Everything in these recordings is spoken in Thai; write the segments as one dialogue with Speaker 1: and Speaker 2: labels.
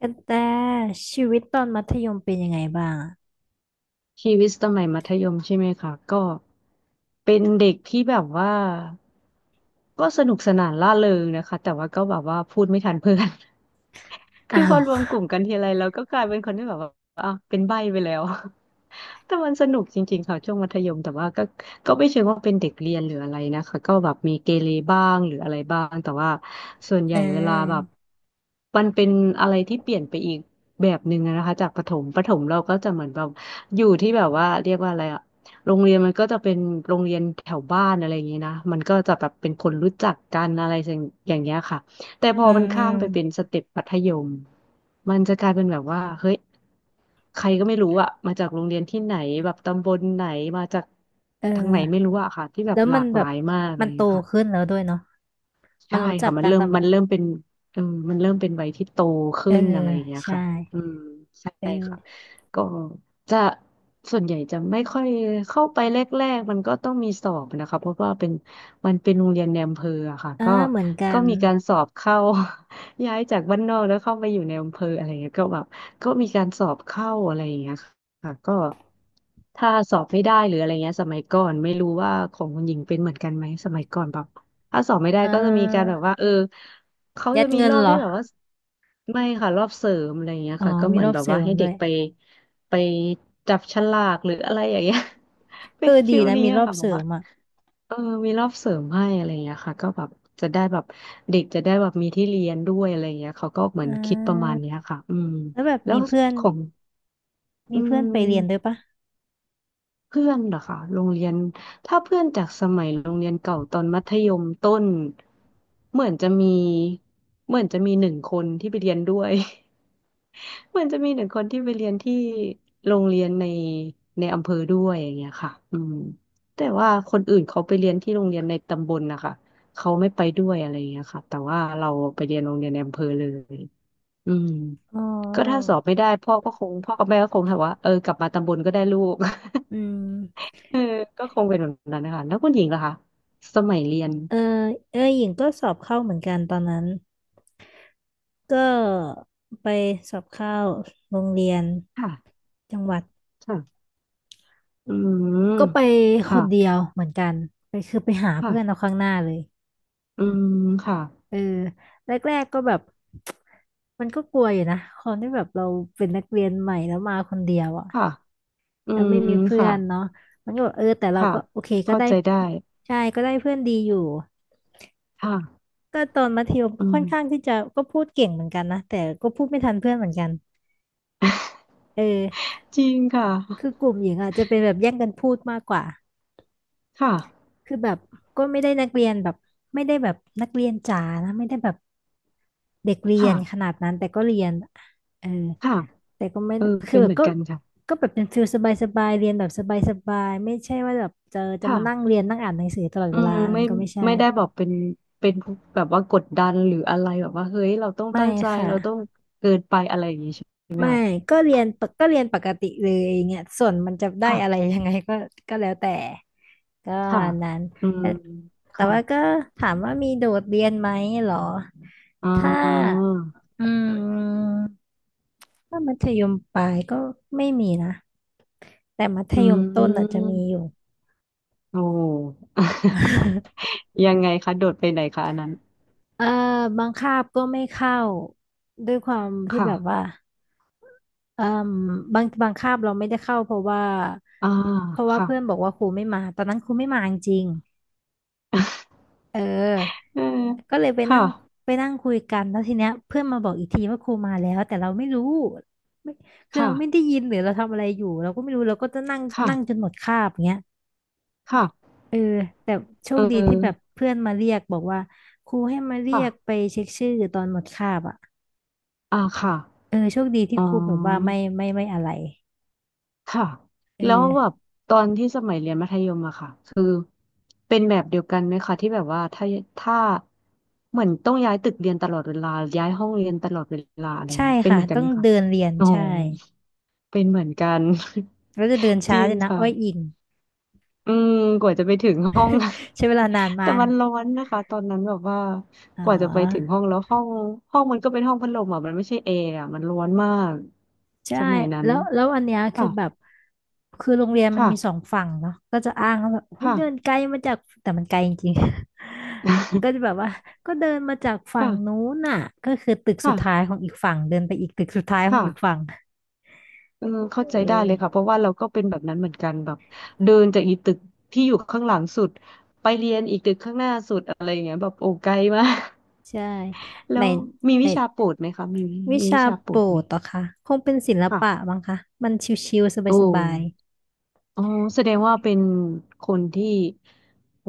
Speaker 1: กันแต่ชีวิตตอนมัธยมเป็นยังไงบ้างอะ
Speaker 2: ชีวิตสมัยมัธยมใช่ไหมคะก็เป็นเด็กที่แบบว่าก็สนุกสนานร่าเริงนะคะแต่ว่าก็แบบว่าพูดไม่ทันเพื่อน คื
Speaker 1: อ้า
Speaker 2: อพอ
Speaker 1: ว
Speaker 2: รวมกลุ่มกันทีไรแล้วก็กลายเป็นคนที่แบบว่าอ่ะเป็นใบ้ไปแล้ว แต่มันสนุกจริงๆค่ะช่วงมัธยมแต่ว่าก็ก็ไม่เชิงว่าเป็นเด็กเรียนหรืออะไรนะคะก็แบบมีเกเรบ้างหรืออะไรบ้างแต่ว่าส่วน ใหญ่เวลาแบบ
Speaker 1: เออ
Speaker 2: มันเป็นอะไรที่เปลี่ยนไปอีกแบบหนึ่งอะนะคะจากประถมประถมเราก็จะเหมือนแบบอยู่ที่แบบว่าเรียกว่าอะไรอะโรงเรียนมันก็จะเป็นโรงเรียนแถวบ้านอะไรอย่างนี้นะมันก็จะแบบเป็นคนรู้จักกันอะไรอย่างเงี้ยค่ะแต่พอ
Speaker 1: อื
Speaker 2: มั
Speaker 1: ม
Speaker 2: น
Speaker 1: อื
Speaker 2: ข้า
Speaker 1: ม
Speaker 2: มไปเป็นสเต็ปมัธยมมันจะกลายเป็นแบบว่าเฮ้ย ใครก็ไม่รู้อะมาจากโรงเรียนที่ไหนแบบตำบลไหนมาจาก
Speaker 1: เ
Speaker 2: ทางไหน
Speaker 1: ออ
Speaker 2: ไม่รู้อะค่ะที่แบบ
Speaker 1: แล้ว
Speaker 2: ห
Speaker 1: มั
Speaker 2: ลา
Speaker 1: น
Speaker 2: ก
Speaker 1: แบ
Speaker 2: หลา
Speaker 1: บ
Speaker 2: ยมากเล
Speaker 1: มัน
Speaker 2: ย
Speaker 1: โต
Speaker 2: ค่ะ
Speaker 1: ขึ้นแล้วด้วยเนาะมั
Speaker 2: ใช่
Speaker 1: นรู้จั
Speaker 2: ค่ะ
Speaker 1: ก
Speaker 2: มัน
Speaker 1: กัน
Speaker 2: เริ่ม
Speaker 1: แต่แบ
Speaker 2: มัน
Speaker 1: บ
Speaker 2: เริ่มเป็นเออมันเริ่มเป็นวัยที่โต
Speaker 1: เอ
Speaker 2: ขึ้
Speaker 1: อ
Speaker 2: นอะไรอย่างเงี้ย
Speaker 1: ใช่
Speaker 2: ค่ะอืมใช่ค่ะ
Speaker 1: เออ
Speaker 2: ก็จะส่วนใหญ่จะไม่ค่อยเข้าไปแรกๆมันก็ต้องมีสอบนะคะเพราะว่าเป็นมันเป็นโรงเรียนในอำเภออะค่ะ
Speaker 1: อ่า
Speaker 2: ก็
Speaker 1: เหมือนกั
Speaker 2: ก็
Speaker 1: น
Speaker 2: มีการสอบเข้า ย้ายจากบ้านนอกแล้วเข้าไปอยู่ในอำเภออะไรเงี้ยก็แบบก็มีการสอบเข้าอะไรอย่างเงี้ยค่ะก็ถ้าสอบไม่ได้หรืออะไรเงี้ยสมัยก่อนไม่รู้ว่าของคุณหญิงเป็นเหมือนกันไหมสมัยก่อนแบบ ถ้าสอบไม่ได้
Speaker 1: อ่
Speaker 2: ก็จะมีการแบ
Speaker 1: า
Speaker 2: บว่าเออเขา
Speaker 1: ยั
Speaker 2: จะ
Speaker 1: ด
Speaker 2: มี
Speaker 1: เงิ
Speaker 2: ร
Speaker 1: น
Speaker 2: อบ
Speaker 1: เหรอ
Speaker 2: ที่แบบว่าไม่ค่ะรอบเสริมอะไรอย่างเงี้ย
Speaker 1: อ๋อ
Speaker 2: ค่ะก็
Speaker 1: มี
Speaker 2: เหมือ
Speaker 1: ร
Speaker 2: น
Speaker 1: อบ
Speaker 2: แบบ
Speaker 1: เสริ
Speaker 2: ว่า
Speaker 1: ม
Speaker 2: ให้
Speaker 1: ด้
Speaker 2: เด็
Speaker 1: ว
Speaker 2: ก
Speaker 1: ย
Speaker 2: ไปไปจับฉลากหรืออะไรอย่างเงี้ย
Speaker 1: เอ
Speaker 2: เป็น
Speaker 1: อ
Speaker 2: ฟิ
Speaker 1: ดี
Speaker 2: ล
Speaker 1: นะ
Speaker 2: นี้
Speaker 1: มีร
Speaker 2: อะ
Speaker 1: อบ
Speaker 2: ค่ะแบ
Speaker 1: เส
Speaker 2: บ
Speaker 1: ริ
Speaker 2: ว่า
Speaker 1: มอ่ะ
Speaker 2: เออมีรอบเสริมให้อะไรอย่างเงี้ยค่ะก็แบบจะได้แบบเด็กจะได้แบบมีที่เรียนด้วยอะไรอย่างเงี้ยเขาก็เหมือ
Speaker 1: อ่
Speaker 2: นคิดประมาณ
Speaker 1: า
Speaker 2: เนี้ยค่ะอืม
Speaker 1: แล้วแบบ
Speaker 2: แล้ว
Speaker 1: มีเพื่อน
Speaker 2: ของ
Speaker 1: มี
Speaker 2: อื
Speaker 1: เพื่อนไปเรียนด้วย
Speaker 2: ม
Speaker 1: ปะ
Speaker 2: เพื่อนเหรอคะโรงเรียนถ้าเพื่อนจากสมัยโรงเรียนเก่าตอนมัธยมต้นเหมือนจะมีเหมือนจะมีหนึ่งคนที่ไปเรียนด้วย เหมือนจะมีหนึ่งคนที่ไปเรียนที่โรงเรียนในในอำเภอด้วยอย่างเงี้ยค่ะอืมแต่ว่าคนอื่นเขาไปเรียนที่โรงเรียนในตำบลนะคะเขาไม่ไปด้วยอะไรอย่างเงี้ยค่ะแต่ว่าเราไปเรียนโรงเรียนในอำเภอเลยอืม
Speaker 1: อ๋อ
Speaker 2: ก็ถ้าสอบไม่ได้พ่อก็คงพ่อกับแม่ก็คงถามว่าเออกลับมาตำบลก็ได้ลูก
Speaker 1: อืม
Speaker 2: เออก็คงเป็นแบบนั้นนะคะแล้วคุณหญิงล่ะคะ สมัยเรียน
Speaker 1: เออเออหญิงก็สอบเข้าเหมือนกันตอนนั้น ก็ไปสอบเข้าโรงเรียน
Speaker 2: ค่ะ
Speaker 1: จังหวัด
Speaker 2: ค่ะอืม
Speaker 1: ก็ไปค
Speaker 2: ค่ะ
Speaker 1: นเดียวเหมือนกันไปคือไปหาเพื่อนเอา
Speaker 2: ค่ะ
Speaker 1: ข้างหน้าเลย
Speaker 2: อืมค่ะ
Speaker 1: เออแรกๆก็แบบ มันก็กลัวอยู่นะคนที่แบบเราเป็นนักเรียนใหม่แล้วมาคนเดียวอ่ะ
Speaker 2: ค่ะอื
Speaker 1: แล้ว
Speaker 2: ม
Speaker 1: ไม่มีเพื่อ
Speaker 2: ค่ะ
Speaker 1: นเนาะมันก็แบบเออแต่เรา
Speaker 2: ค่ะ
Speaker 1: ก็โอเคก็
Speaker 2: เข้า
Speaker 1: ได้
Speaker 2: ใจได้
Speaker 1: ใช่ก็ได้เพื่อนดีอยู่
Speaker 2: ค่ะ
Speaker 1: ก็ตอนมัธยม
Speaker 2: อื
Speaker 1: ค่อนข้าง
Speaker 2: ม
Speaker 1: ที่จะก็พูดเก่งเหมือนกันนะแต่ก็พูดไม่ทันเพื่อนเหมือนกันเออ
Speaker 2: จริงค่ะ
Speaker 1: คือกลุ่มหญิงอ่ะจะเป็นแบบแย่งกันพูดมากกว่า
Speaker 2: ค่ะ
Speaker 1: คือแบบก็ไม่ได้นักเรียนแบบไม่ได้แบบนักเรียนจ๋านะไม่ได้แบบเด็กเรีย
Speaker 2: ค่ะ
Speaker 1: นขนาดนั้นแต่ก็เรียนเออ
Speaker 2: ค่ะ
Speaker 1: แต่ก็ไม่
Speaker 2: เออ
Speaker 1: คือ
Speaker 2: เป็น
Speaker 1: แบ
Speaker 2: เห
Speaker 1: บ
Speaker 2: มือน
Speaker 1: ก็
Speaker 2: กันค่ะ
Speaker 1: ก็แบบเป็นฟิลสบายสบายเรียนแบบสบายสบายไม่ใช่ว่าแบบจะมานั่ง
Speaker 2: ค่ะ
Speaker 1: เรียนนั่งอ่านหนังสือตลอด
Speaker 2: อื
Speaker 1: เวลา
Speaker 2: ม
Speaker 1: อันนั้
Speaker 2: ไม่
Speaker 1: นก็ไม่ใช่
Speaker 2: ไม่ได้บอกเป็นเป็นแบบว่ากดดันหรืออะไรแบบว่าเฮ้ยเราต้อง
Speaker 1: ไม่
Speaker 2: ตั้งใจ
Speaker 1: ค่ะ
Speaker 2: เราต้องเกินไปอะไรอย่างนี้ใช่ไหม
Speaker 1: ไม่
Speaker 2: คะ
Speaker 1: ก็เรียนปกก็เรียนปกติเลยอย่างเงี้ยส่วนมันจะได้
Speaker 2: ค่ะ
Speaker 1: อะไรยังไง ก็ก็แล้วแต่ก็ประ
Speaker 2: ค่ะ
Speaker 1: มาณนั้น
Speaker 2: อืม
Speaker 1: แต่แต่
Speaker 2: ค่ะ
Speaker 1: ว่าก็ถามว่ามีโดดเรียนไหมเหรอ
Speaker 2: อ่
Speaker 1: ถ้า
Speaker 2: า
Speaker 1: อืมถ้ามัธยมปลายก็ไม่มีนะแต่มัธ
Speaker 2: อื
Speaker 1: ยมต้นอาจจะ
Speaker 2: ม
Speaker 1: มีอยู่
Speaker 2: โอ้ ยังไงคะ โดดไปไหนคะอันนั้น
Speaker 1: เอ่อบางคาบก็ไม่เข้าด้วยความที่แบบว่า
Speaker 2: ค่ะ
Speaker 1: เอ่มบางคาบเราไม่ได้เข้าเพราะว่า
Speaker 2: อ่า
Speaker 1: เพื่อน
Speaker 2: ค่ะ
Speaker 1: บอกว่าครูไม่มาตอนนั้นครูไม่มาจริงๆเออ
Speaker 2: เออ
Speaker 1: ก็เลยไป
Speaker 2: ค่ะ
Speaker 1: นั่งไปนั่งคุยกันแล้วทีเนี้ยเพื่อนมาบอกอีกทีว่าครูมาแล้วแต่เราไม่รู้ไม่คือเราไม่ได้
Speaker 2: ค่ะ
Speaker 1: ยินหรือเราทำอะไรอยู่เราก็ไม่รู้เราก็จะนั่งนั่งจน
Speaker 2: ค่ะ
Speaker 1: หมดคาบอย่างเงี้ย
Speaker 2: ค่ะ
Speaker 1: เออแต่โช
Speaker 2: เอ
Speaker 1: คดีที่
Speaker 2: อ
Speaker 1: แบบเพื่อนมาเรียกบอกว่าครูให้มาเรียกไป
Speaker 2: ค่ะ
Speaker 1: เช็คชื่อตอนหมดคาบอ่ะ
Speaker 2: อ่าค่ะ
Speaker 1: เออโชคดีที่
Speaker 2: อ๋
Speaker 1: ครูแบบว่า
Speaker 2: อ
Speaker 1: ไม่อะไร
Speaker 2: ค่ะ
Speaker 1: เอ
Speaker 2: แล้วแบบ
Speaker 1: อ
Speaker 2: ตอนที่สมัยเรียนมัธยมอะค่ะ คือเป็นแบบเดียวกันไหมคะที่แบบว่าถ้าถ้าเหมือนต้องย้ายตึกเรียนตลอดเวลา ย้ายห้องเรียนตลอดเวลาอะไร
Speaker 1: ใช่
Speaker 2: เงี้ยเป็น
Speaker 1: ค่ะ
Speaker 2: เหมือนกัน
Speaker 1: ต้อ
Speaker 2: ไห
Speaker 1: ง
Speaker 2: มคะ
Speaker 1: เดินเรียน
Speaker 2: อ๋อ
Speaker 1: ใช่
Speaker 2: เป็นเหมือนกัน
Speaker 1: แล้วจะเดิน
Speaker 2: จ
Speaker 1: ช้า
Speaker 2: ริง
Speaker 1: เลยนะ
Speaker 2: ค่ะ
Speaker 1: อ้อยอิง
Speaker 2: อืมกว่าจะไปถึงห้อง
Speaker 1: ใช้เวลานาน มา
Speaker 2: แต่มั
Speaker 1: ก
Speaker 2: นร้อนนะคะตอนนั้นแบบว่า
Speaker 1: อ๋
Speaker 2: กว่าจะไปถึง
Speaker 1: อ
Speaker 2: ห้องแล้วห้องมันก็เป็นห้องพัดลมอ่ะมันไม่ใช่แอร์อ่ะมันร้อนมาก
Speaker 1: ใช่
Speaker 2: สมัยนั้น
Speaker 1: แล้วแล้วอันเนี้ยคือ
Speaker 2: ค่ะ
Speaker 1: แบบคือโรงเรียนมัน
Speaker 2: ค่ะ
Speaker 1: มีสองฝั่งเนาะก็จะอ้างว่าแบบโอ้ย
Speaker 2: ค่ะ
Speaker 1: เดินไกลมาจากแต่มันไกลจริงๆ ก็จะแบ บว่าก็เดินมาจากฝั่งนู้
Speaker 2: ค่ะ
Speaker 1: นน่ะก็คือตึกสุดท้าย
Speaker 2: ค่ะ
Speaker 1: ของอีกฝั่งเดินไปอีกตึกสุดท้ายของ
Speaker 2: ค่ะ
Speaker 1: อีกฝั่ง
Speaker 2: เออเข้าใจ
Speaker 1: เอ
Speaker 2: ได้เลยค่ะเพ
Speaker 1: อ
Speaker 2: ราะว่าเราก็เป็นแบบนั้นเหมือนกันแบบเดินจากอีตึกที่อยู่ข้างหลังสุดไปเรียนอีกตึกข้างหน้าสุดอะไรอย่างเงี้ยแบบโอ้ไกลมาก
Speaker 1: ใช่
Speaker 2: แล้
Speaker 1: ใน
Speaker 2: วมี
Speaker 1: ใน
Speaker 2: วิชาโปรดไหมคะมี
Speaker 1: วิ
Speaker 2: มีวิ
Speaker 1: ชา
Speaker 2: ชาโปร
Speaker 1: โปร
Speaker 2: ดไหม
Speaker 1: ดเหรอคะคงเป็นศิลปะ
Speaker 2: ค่ะ
Speaker 1: บ้างคะมันชิวๆ
Speaker 2: โอ้
Speaker 1: สบาย
Speaker 2: อ๋อแสดงว่าเป็นคนที่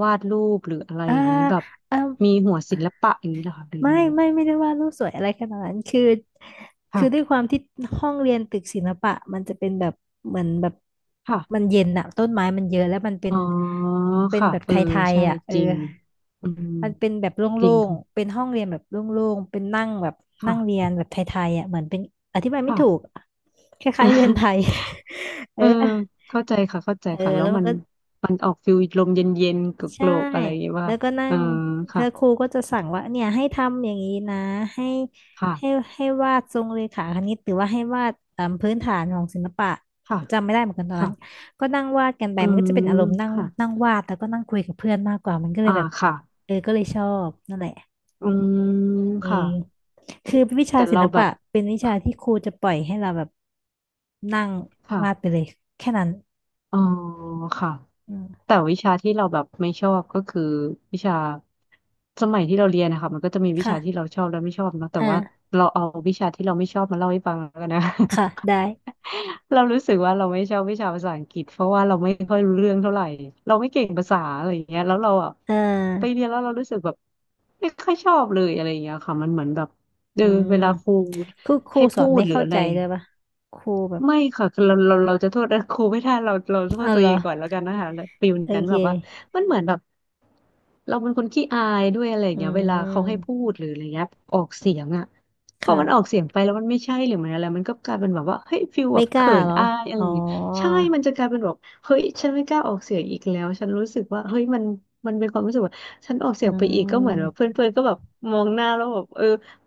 Speaker 2: วาดรูปหรืออะไร
Speaker 1: ๆอ่า
Speaker 2: อย่างนี้แบบ
Speaker 1: อ่า
Speaker 2: มีหัวศิลปะอย่างนี้เหรอคะหรือ
Speaker 1: ไม่
Speaker 2: ยังไง
Speaker 1: ไม่ไม่ได้ว่าดรูปสวยอะไรขนาดนั้นคือคือด้วย
Speaker 2: ค่ะ
Speaker 1: ความที่ห้องเรียนตึกศิลปะมันจะเป็นแบบเหมือนแบบมัน
Speaker 2: ค่ะ
Speaker 1: เย็นอะต้นไม้มันเยอะแล้วมันเป็
Speaker 2: อ๋
Speaker 1: น
Speaker 2: อ
Speaker 1: เป็น
Speaker 2: ค่ะ
Speaker 1: แบบ
Speaker 2: เอ
Speaker 1: ไท
Speaker 2: อ
Speaker 1: ย
Speaker 2: ใช่
Speaker 1: ๆอะเออ
Speaker 2: จริงอืม
Speaker 1: มันเป็นแบบโล
Speaker 2: จ
Speaker 1: ่
Speaker 2: ริง
Speaker 1: งๆเป็นห้องเรียนแบบโล่งๆเป็นนั่งแบบนั่งเรีย
Speaker 2: ค่ะ
Speaker 1: นแบบไทยๆอะเหมือนเป็นอธิบายไม่
Speaker 2: ค่ะค่ะ
Speaker 1: ถูกคล้ายๆเรือนไทย เอ
Speaker 2: เอ
Speaker 1: อ
Speaker 2: อเข้าใจค่ะเข้าใจ
Speaker 1: เออ
Speaker 2: ค่ะแล้
Speaker 1: แล้
Speaker 2: ว
Speaker 1: วมั
Speaker 2: มั
Speaker 1: น
Speaker 2: น
Speaker 1: ก็
Speaker 2: มันออกฟิลลมเย็นๆกโก
Speaker 1: ใช่
Speaker 2: รกๆอะไรอย่างเงี้ยว่า
Speaker 1: แล้วก็นั่
Speaker 2: เออ
Speaker 1: งแล้
Speaker 2: ค่ะ
Speaker 1: วครูก็จะสั่งว่าเนี่ยให้ทำอย่างนี้นะให้ให้
Speaker 2: ค่ะ
Speaker 1: ให้วาดทรงเรขาคณิตหรือว่าให้วาดเอ่มพื้นฐานของศิลปะ
Speaker 2: ค่ะ
Speaker 1: จำไม่ได้เหมือนกันตอน
Speaker 2: ค่ะ
Speaker 1: นั้นก็นั่งวาดกันไป
Speaker 2: อื
Speaker 1: มันก็จะเป็
Speaker 2: ม
Speaker 1: นอารมณ์นั่ง
Speaker 2: ค่ะ
Speaker 1: นั่งวาดแล้วก็นั่งคุยกับเพื่อนมากกว่ามันก็เลย
Speaker 2: อ่า
Speaker 1: แบบ
Speaker 2: ค่ะ
Speaker 1: เออก็เลยชอบนั่นแหละ
Speaker 2: อืม
Speaker 1: เอ
Speaker 2: ค่ะ
Speaker 1: อคือวิชา
Speaker 2: แต่
Speaker 1: ศิ
Speaker 2: เรา
Speaker 1: ล
Speaker 2: แบ
Speaker 1: ปะ
Speaker 2: บ
Speaker 1: เป็นวิชาที่ครูจะปล่อยให้เราแบบนั่ง
Speaker 2: ค่ะ
Speaker 1: วาดไปเลยแค่นั้น
Speaker 2: อ๋อค่ะ
Speaker 1: อืม
Speaker 2: แต่วิชาที่เราแบบไม่ชอบก็คือวิชาสมัยที่เราเรียนนะคะมันก็จะมีวิชาที่
Speaker 1: ค่ะ
Speaker 2: เราชอบและไม่ชอบเนอะแต่
Speaker 1: อ่า
Speaker 2: ว่าเราเอาวิชาที่เราไม่ชอบมาเล่าให้ฟังแล้วกันนะ
Speaker 1: ค่ะได้
Speaker 2: เรารู้สึกว่าเราไม่ชอบวิชาภาษาอังกฤษเพราะว่าเราไม่ค่อยรู้เรื่องเท่าไหร่เราไม่เก่งภาษาอะไรอย่างเงี้ยแล้วเราอ่ะ
Speaker 1: เอ
Speaker 2: ไปเรีย
Speaker 1: อ
Speaker 2: นแล้วเรารู้สึกแบบไม่ค่อยชอบเลยอะไรอย่างเงี้ยค่ะมันเหมือนแบบเอ
Speaker 1: อื
Speaker 2: อ
Speaker 1: ม
Speaker 2: เวลาครู
Speaker 1: คือครู
Speaker 2: ให้
Speaker 1: สอ
Speaker 2: พู
Speaker 1: น
Speaker 2: ด
Speaker 1: ไม่
Speaker 2: หรือ
Speaker 1: เข้า
Speaker 2: อะไร
Speaker 1: ใจเลยปะครูแบบ
Speaker 2: ไม่ค่ะคือเราจะโทษ ครูไม่ได้เราโทษ
Speaker 1: อ้าว
Speaker 2: ตัว
Speaker 1: เหร
Speaker 2: เอ
Speaker 1: อ
Speaker 2: งก่อนแล้วกันนะคะฟิล
Speaker 1: โอ
Speaker 2: นั้น
Speaker 1: เค
Speaker 2: แบบว่ามันเหมือนแบบเราเป็นคนขี้อายด้วยอะไรอย่า
Speaker 1: อื
Speaker 2: งเงี้ยเวลาเขาให้พู
Speaker 1: ม
Speaker 2: ดหรืออะไรเงี้ยออกเสียงอ่ะพอมันออก
Speaker 1: ค่ะ
Speaker 2: เสียงไปแล้วมันไม่ใช่หรือมันอะไรมันก็กลายเป็นแบบว่าเฮ้ยฟิลแบ
Speaker 1: ไม่
Speaker 2: บ
Speaker 1: กล้า
Speaker 2: เขิน
Speaker 1: เหรอ
Speaker 2: อายอะไร
Speaker 1: อ๋อ
Speaker 2: อย่างเงี้ยใช่มันจะกลายเป็นแบบเฮ้ยฉันไม่กล้าออกเสียงอีกแล้วฉันรู้สึกว่าเฮ้ยมันมันเป็นความรู้สึกว่าฉันออกเสี
Speaker 1: อื
Speaker 2: ยงไปอีกก็เหมือนแบบเพ
Speaker 1: ม
Speaker 2: ื่อนๆก็แบบมองหน้าแล้วแบบเออ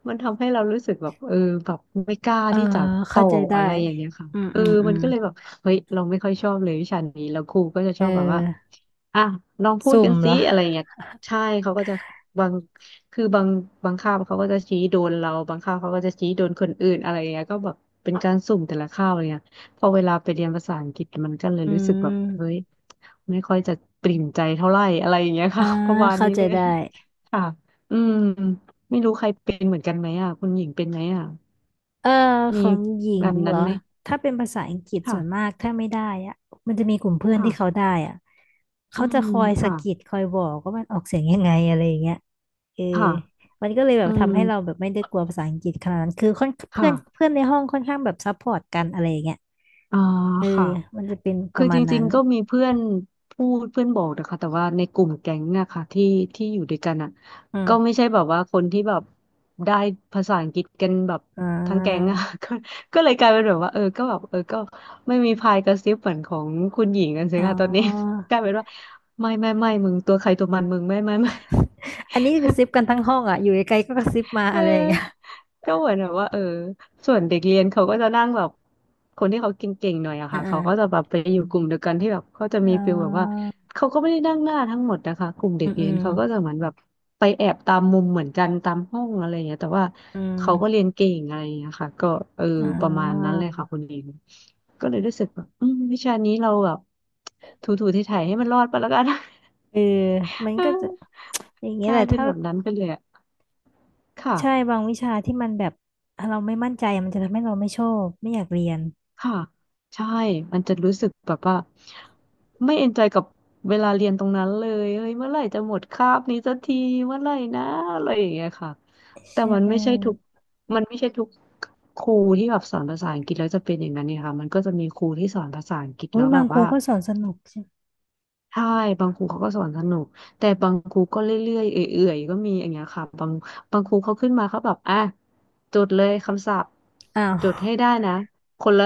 Speaker 2: มันทำให้เรารู้สึกแบบเออแบบไม่กล้า
Speaker 1: เออ
Speaker 2: ที่จะต่
Speaker 1: เข้า
Speaker 2: อ
Speaker 1: ใจ
Speaker 2: อะ
Speaker 1: ได้
Speaker 2: ไรอย่างเงี้ยค่ะ
Speaker 1: อืม
Speaker 2: เออ
Speaker 1: อืมอื
Speaker 2: มัน
Speaker 1: ม
Speaker 2: ก็เลยแบบเฮ้ยเราไม่ค่อยชอบเลยวิชานี้แล้วครูก็จะ
Speaker 1: เ
Speaker 2: ชอบแบบว่า
Speaker 1: ออ
Speaker 2: อ่ะลองพูด
Speaker 1: สุ่
Speaker 2: กั
Speaker 1: ม
Speaker 2: น
Speaker 1: เห
Speaker 2: สิ
Speaker 1: รอ
Speaker 2: อะไรเงี้ยใช่เขาก็จะบางคือบางบางคาบเขาก็จะชี้โดนเราบางคาบเขาก็จะชี้โดนคนอื่นอะไรเงี้ยก็แบบเป็นการสุ่มแต่ละคาบอะไรเงี้ยพอเวลาไปเรียนภาษาอังกฤษมันก็เลย
Speaker 1: อื
Speaker 2: รู้สึกแบบเฮ้ย
Speaker 1: ม
Speaker 2: ไม่ค่อยจะปริ่มใจเท่าไหร่อะไรอย่างเงี้ย
Speaker 1: อ่า
Speaker 2: ค่ะ ประมาณ
Speaker 1: เข้า
Speaker 2: นี้
Speaker 1: ใจ
Speaker 2: เลย
Speaker 1: ได้
Speaker 2: ค่ะอืมไม่รู้ใครเป็นเหมือนกันไหมอ่ะคุณหญิงเป็นไหมอ่ะ
Speaker 1: เออข
Speaker 2: มี
Speaker 1: องหญิ
Speaker 2: แบ
Speaker 1: ง
Speaker 2: บ
Speaker 1: เหร
Speaker 2: นั้น
Speaker 1: อ
Speaker 2: ไหม
Speaker 1: ถ้าเป็นภาษาอังกฤษส่วนมา
Speaker 2: ค่ะ
Speaker 1: กถ้าไม่ได้อะมันจะมีกลุ่มเพื่อนที่เขา
Speaker 2: ค่ะ
Speaker 1: ได้อะ
Speaker 2: อื
Speaker 1: เขาจะ
Speaker 2: ม
Speaker 1: คอยสะ
Speaker 2: ค่ะ
Speaker 1: กิดคอยบอกว่ามันออกเสียงยังไงอะไรอย่างเงี้ย เออ
Speaker 2: ค่ะ
Speaker 1: มันก็เลยแบ
Speaker 2: อื
Speaker 1: บ
Speaker 2: ม
Speaker 1: ทำให้เราแบบไม่ได้กลัวภาษาอังกฤษขนาดนั้นคือค่อนเพื่อน
Speaker 2: ค่ะ
Speaker 1: เพื่อนในห้องค่อนข้างแบบซัพพอร์ตกันอะไรอย่างเงี้ย
Speaker 2: อ่า
Speaker 1: เออ
Speaker 2: ค่ะ
Speaker 1: มันจะเป็นป
Speaker 2: คือ
Speaker 1: ระมา
Speaker 2: จ
Speaker 1: ณ
Speaker 2: ริ
Speaker 1: นั้
Speaker 2: ง
Speaker 1: น
Speaker 2: ๆก็มีเพื่อนบอกนะคะแต่ว่าในกลุ่มแก๊งอะค่ะที่ที่อยู่ด้วยกันอะ
Speaker 1: อื
Speaker 2: ก็ไม่
Speaker 1: ม
Speaker 2: ใช่แบบว่าคนที่แบบได้ภาษาอังกฤษกันแบบ
Speaker 1: อ่
Speaker 2: ทั้งแก๊ง
Speaker 1: า
Speaker 2: อะ ก็ก็เลยกลายเป็นแบบว่าเออก็แบบเออก็ไม่มีพายกระซิบเหมือนของคุณหญิงกันสิ
Speaker 1: อ๋
Speaker 2: ค่ะตอนนี้
Speaker 1: อ
Speaker 2: กลายเป็นว่าไม่ไม่ไม่มึงตัวใครตัวมันมึงไม่ไม่ไม่
Speaker 1: อันนี้กระซิบกันทั้งห้องอ่ะอยู่ไกลๆก็กระซิบ มา
Speaker 2: เออ
Speaker 1: อะไรอย่างเงี้ย
Speaker 2: ก็เหมือนแบบว่าเออส่วนเด็กเรียนเขาก็จะนั่งแบบคนที่เขาเก่งๆหน่อยอะ
Speaker 1: อ่า
Speaker 2: ค่ะ
Speaker 1: อ่า
Speaker 2: เขาก็จะแบบไปอยู่กลุ่มเดียวกันที่แบบเขาจะมี
Speaker 1: อ๋
Speaker 2: ฟิลแบบว่า
Speaker 1: อ
Speaker 2: เขาก็ไม่ได้นั่งหน้าทั้งหมดนะคะกลุ่มเด็
Speaker 1: อื
Speaker 2: ก
Speaker 1: มอื
Speaker 2: เรียน
Speaker 1: ม
Speaker 2: เขาก็จะเหมือนแบบไปแอบตามมุมเหมือนกันตามห้องอะไรอย่างเงี้ยแต่ว่า
Speaker 1: อื
Speaker 2: เขาก็เรี
Speaker 1: ม
Speaker 2: ยนเก่งอะไรอย่างเงี้ยค่ะก็เออ
Speaker 1: อ่
Speaker 2: ประมาณ
Speaker 1: า
Speaker 2: นั้นเลยค่ะคุณเองก็เลยรู้สึกแบบอืมวิชานี้เราแบบถูๆไถๆให้มันรอดไปแล้วกัน
Speaker 1: เออมัน
Speaker 2: เอ
Speaker 1: ก็จะ
Speaker 2: อ
Speaker 1: อย่างเงี้
Speaker 2: ก
Speaker 1: ยแห
Speaker 2: ลา
Speaker 1: ละ
Speaker 2: ยเป็น
Speaker 1: ถ้า
Speaker 2: แบบนั้นไปเลยอะค่ะ
Speaker 1: ใช่บางวิชาที่มันแบบเราไม่มั่นใจมันจะทำให้เราไม่ชอบไม่อยากเรียน
Speaker 2: ค่ะใช่มันจะรู้สึกแบบว่าไม่เอนจอยกับเวลาเรียนตรงนั้นเลยเฮ้ยเมื่อไหร่จะหมดคาบนี้สักทีเมื่อไหร่นะอะไรอย่างเงี้ยค่ะ
Speaker 1: ใช
Speaker 2: แต่มันไม่ใช่ทุก
Speaker 1: ่
Speaker 2: มันไม่ใช่ทุกครูที่แบบสอนภาษาอังกฤษแล้วจะเป็นอย่างนั้นเนี่ยค่ะมันก็จะมีครูที่สอนภาษาอังกฤษ
Speaker 1: โอ้
Speaker 2: แล้
Speaker 1: ย
Speaker 2: วแบ
Speaker 1: บาง
Speaker 2: บ
Speaker 1: ครู
Speaker 2: ว่า
Speaker 1: ก็สอนสนุก
Speaker 2: ใช่บางครูเขาก็สอนสนุกแต่บางครูก็เรื่อยๆเอื่อยๆก็มีอย่างเงี้ยค่ะบางครูเขาขึ้นมาเขาแบบอ่ะจดเลยคำศัพท์
Speaker 1: อ้าว
Speaker 2: จดให้ได้นะคนละ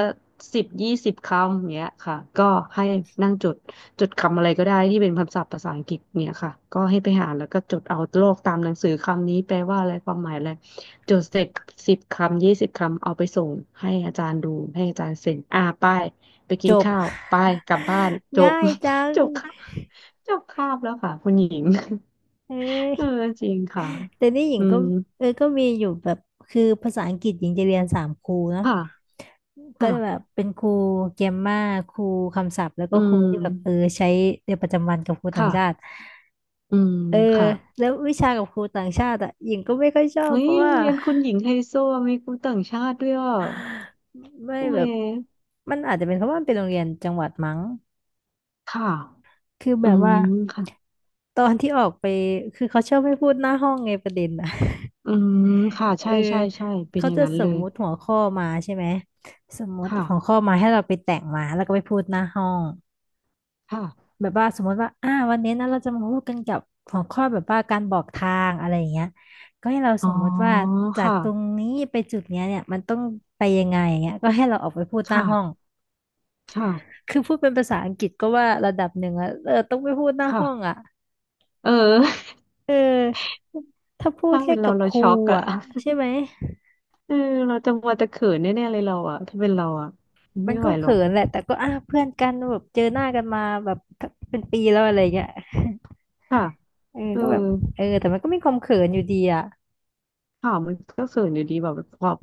Speaker 2: 10-20 คำอย่างเงี้ยค่ะก็ให้นั่งจดจดคำอะไรก็ได้ที่เป็นคำศัพท์ภาษาอังกฤษเนี่ยค่ะก็ให้ไปหาแล้วก็จดเอาโลกตามหนังสือคำนี้แปลว่าอะไรความหมายอะไรจดเสร็จ10 คำ 20 คำเอาไปส่งให้อาจารย์ดูให้อาจารย์เซ็นอ่าไปไปกิ
Speaker 1: จ
Speaker 2: น
Speaker 1: บ
Speaker 2: ข้าวไปกลับบ้านจ บ
Speaker 1: ง่ายจัง
Speaker 2: จบค่ะจบคาบแล้วค่ะคุณหญิง
Speaker 1: เอ้
Speaker 2: เออ
Speaker 1: ย
Speaker 2: จริงค่ะ
Speaker 1: แต่นี่หญิ
Speaker 2: อื
Speaker 1: งก็
Speaker 2: ม
Speaker 1: เออก็มีอยู่แบบคือภาษาอังกฤษหญิงจะเรียนสามครูเนาะ
Speaker 2: ค่ะ
Speaker 1: ก็จะแบ
Speaker 2: ค่ะ
Speaker 1: บเป็นครูเกมมาครูคำศัพท์แล้วก็
Speaker 2: อื
Speaker 1: ครูที่แบบเออ
Speaker 2: ม
Speaker 1: ใช้ในประจำวันกับครูต่าง
Speaker 2: ค่ะ
Speaker 1: ชาติ
Speaker 2: อืม
Speaker 1: เออ
Speaker 2: ค่ะ
Speaker 1: แล้ววิชากับครูต่างชาติอ่ะหญิงก็ไม่ค่อยชอบ
Speaker 2: เฮ้
Speaker 1: เพ
Speaker 2: ย
Speaker 1: ราะ
Speaker 2: โร
Speaker 1: ว่า
Speaker 2: งเรียนคุณหญิงไฮโซมีครูต่างชาติด้วยอ่ะ
Speaker 1: ไม่
Speaker 2: โอ้
Speaker 1: แบ
Speaker 2: ย
Speaker 1: บมันอาจจะเป็นเพราะว่ามันเป็นโรงเรียนจังหวัดมั้ง
Speaker 2: ค่ะ
Speaker 1: คือแบ
Speaker 2: อื
Speaker 1: บ
Speaker 2: ม
Speaker 1: ว่า
Speaker 2: ค่ะ
Speaker 1: ตอนที่ออกไปคือเขาชอบไม่พูดหน้าห้องไงประเด็นอ่ะ
Speaker 2: อืมค่ะ
Speaker 1: เอ
Speaker 2: ใช่
Speaker 1: อ
Speaker 2: ใช่ใช่เป็น
Speaker 1: เขา
Speaker 2: อย่าง
Speaker 1: จะ
Speaker 2: นั้น
Speaker 1: ส
Speaker 2: เล
Speaker 1: ม
Speaker 2: ย
Speaker 1: มุติหัวข้อมาใช่ไหมสมมุติ
Speaker 2: ค่ะ
Speaker 1: หัวข้อมาให้เราไปแต่งมาแล้วก็ไปพูดหน้าห้อง
Speaker 2: ค่ะ
Speaker 1: แบบว่าสมมติว่าอ่าวันนี้นะเราจะมาพูดกันกับหัวข้อแบบว่าการบอกทางอะไรอย่างเงี้ยก็ให้เรา
Speaker 2: อ๋
Speaker 1: ส
Speaker 2: อ
Speaker 1: มมติว่าจาก
Speaker 2: ค่ะ
Speaker 1: ตรงนี้ไปจุดเนี้ยเนี่ยมันต้องไปยังไงอย่างเงี้ยก็ให้เราออกไปพูดหน้า
Speaker 2: ค่ะ
Speaker 1: ห้อง
Speaker 2: ค่ะ
Speaker 1: คือพูดเป็นภาษาอังกฤษก็ว่าระดับหนึ่งอะเออต้องไปพูดหน้า
Speaker 2: ค่ะ
Speaker 1: ห้องอะ
Speaker 2: เออ
Speaker 1: เออถ้าพูด
Speaker 2: ถ้า
Speaker 1: แค่
Speaker 2: เป็นเรา
Speaker 1: กับ
Speaker 2: เรา
Speaker 1: ครู
Speaker 2: ช็อกอะ
Speaker 1: อ่ะใช่ไหม
Speaker 2: เออเราจะมัวแต่เขินแน่ๆเลยเราอะถ้าเป็นเราอะ
Speaker 1: มัน
Speaker 2: ไม่ไห
Speaker 1: ก็
Speaker 2: วหร
Speaker 1: เขิ
Speaker 2: อก
Speaker 1: นแหละแต่ก็อ่ะเพื่อนกันแบบเจอหน้ากันมาแบบเป็นปีแล้วอะไรเงี้ย
Speaker 2: ค่ะ
Speaker 1: เออ
Speaker 2: เออ
Speaker 1: ก็แบบเออแต่มันก็มีความเขินอยู่ดีอ่ะ
Speaker 2: ข่าวมันก็เขินอยู่ดีแบบกว่า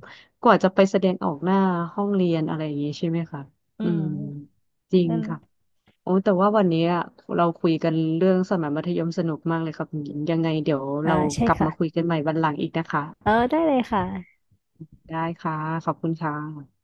Speaker 2: กว่าจะไปแสดงออกหน้าห้องเรียนอะไรอย่างงี้ใช่ไหมคะ
Speaker 1: อื
Speaker 2: อืม
Speaker 1: ม
Speaker 2: จริง
Speaker 1: นั่น
Speaker 2: ค่ะโอ้แต่ว่าวันนี้อะเราคุยกันเรื่องสมัยมัธยมสนุกมากเลยครับคุณหญิงยังไงเดี๋ยว
Speaker 1: อ่า
Speaker 2: เรา
Speaker 1: ใช่
Speaker 2: กลับ
Speaker 1: ค่ะ
Speaker 2: มาคุยกันใหม่วันหลังอีกนะคะ
Speaker 1: เออได้เลยค่ะ
Speaker 2: ได้ค่ะขอบคุณค่ะ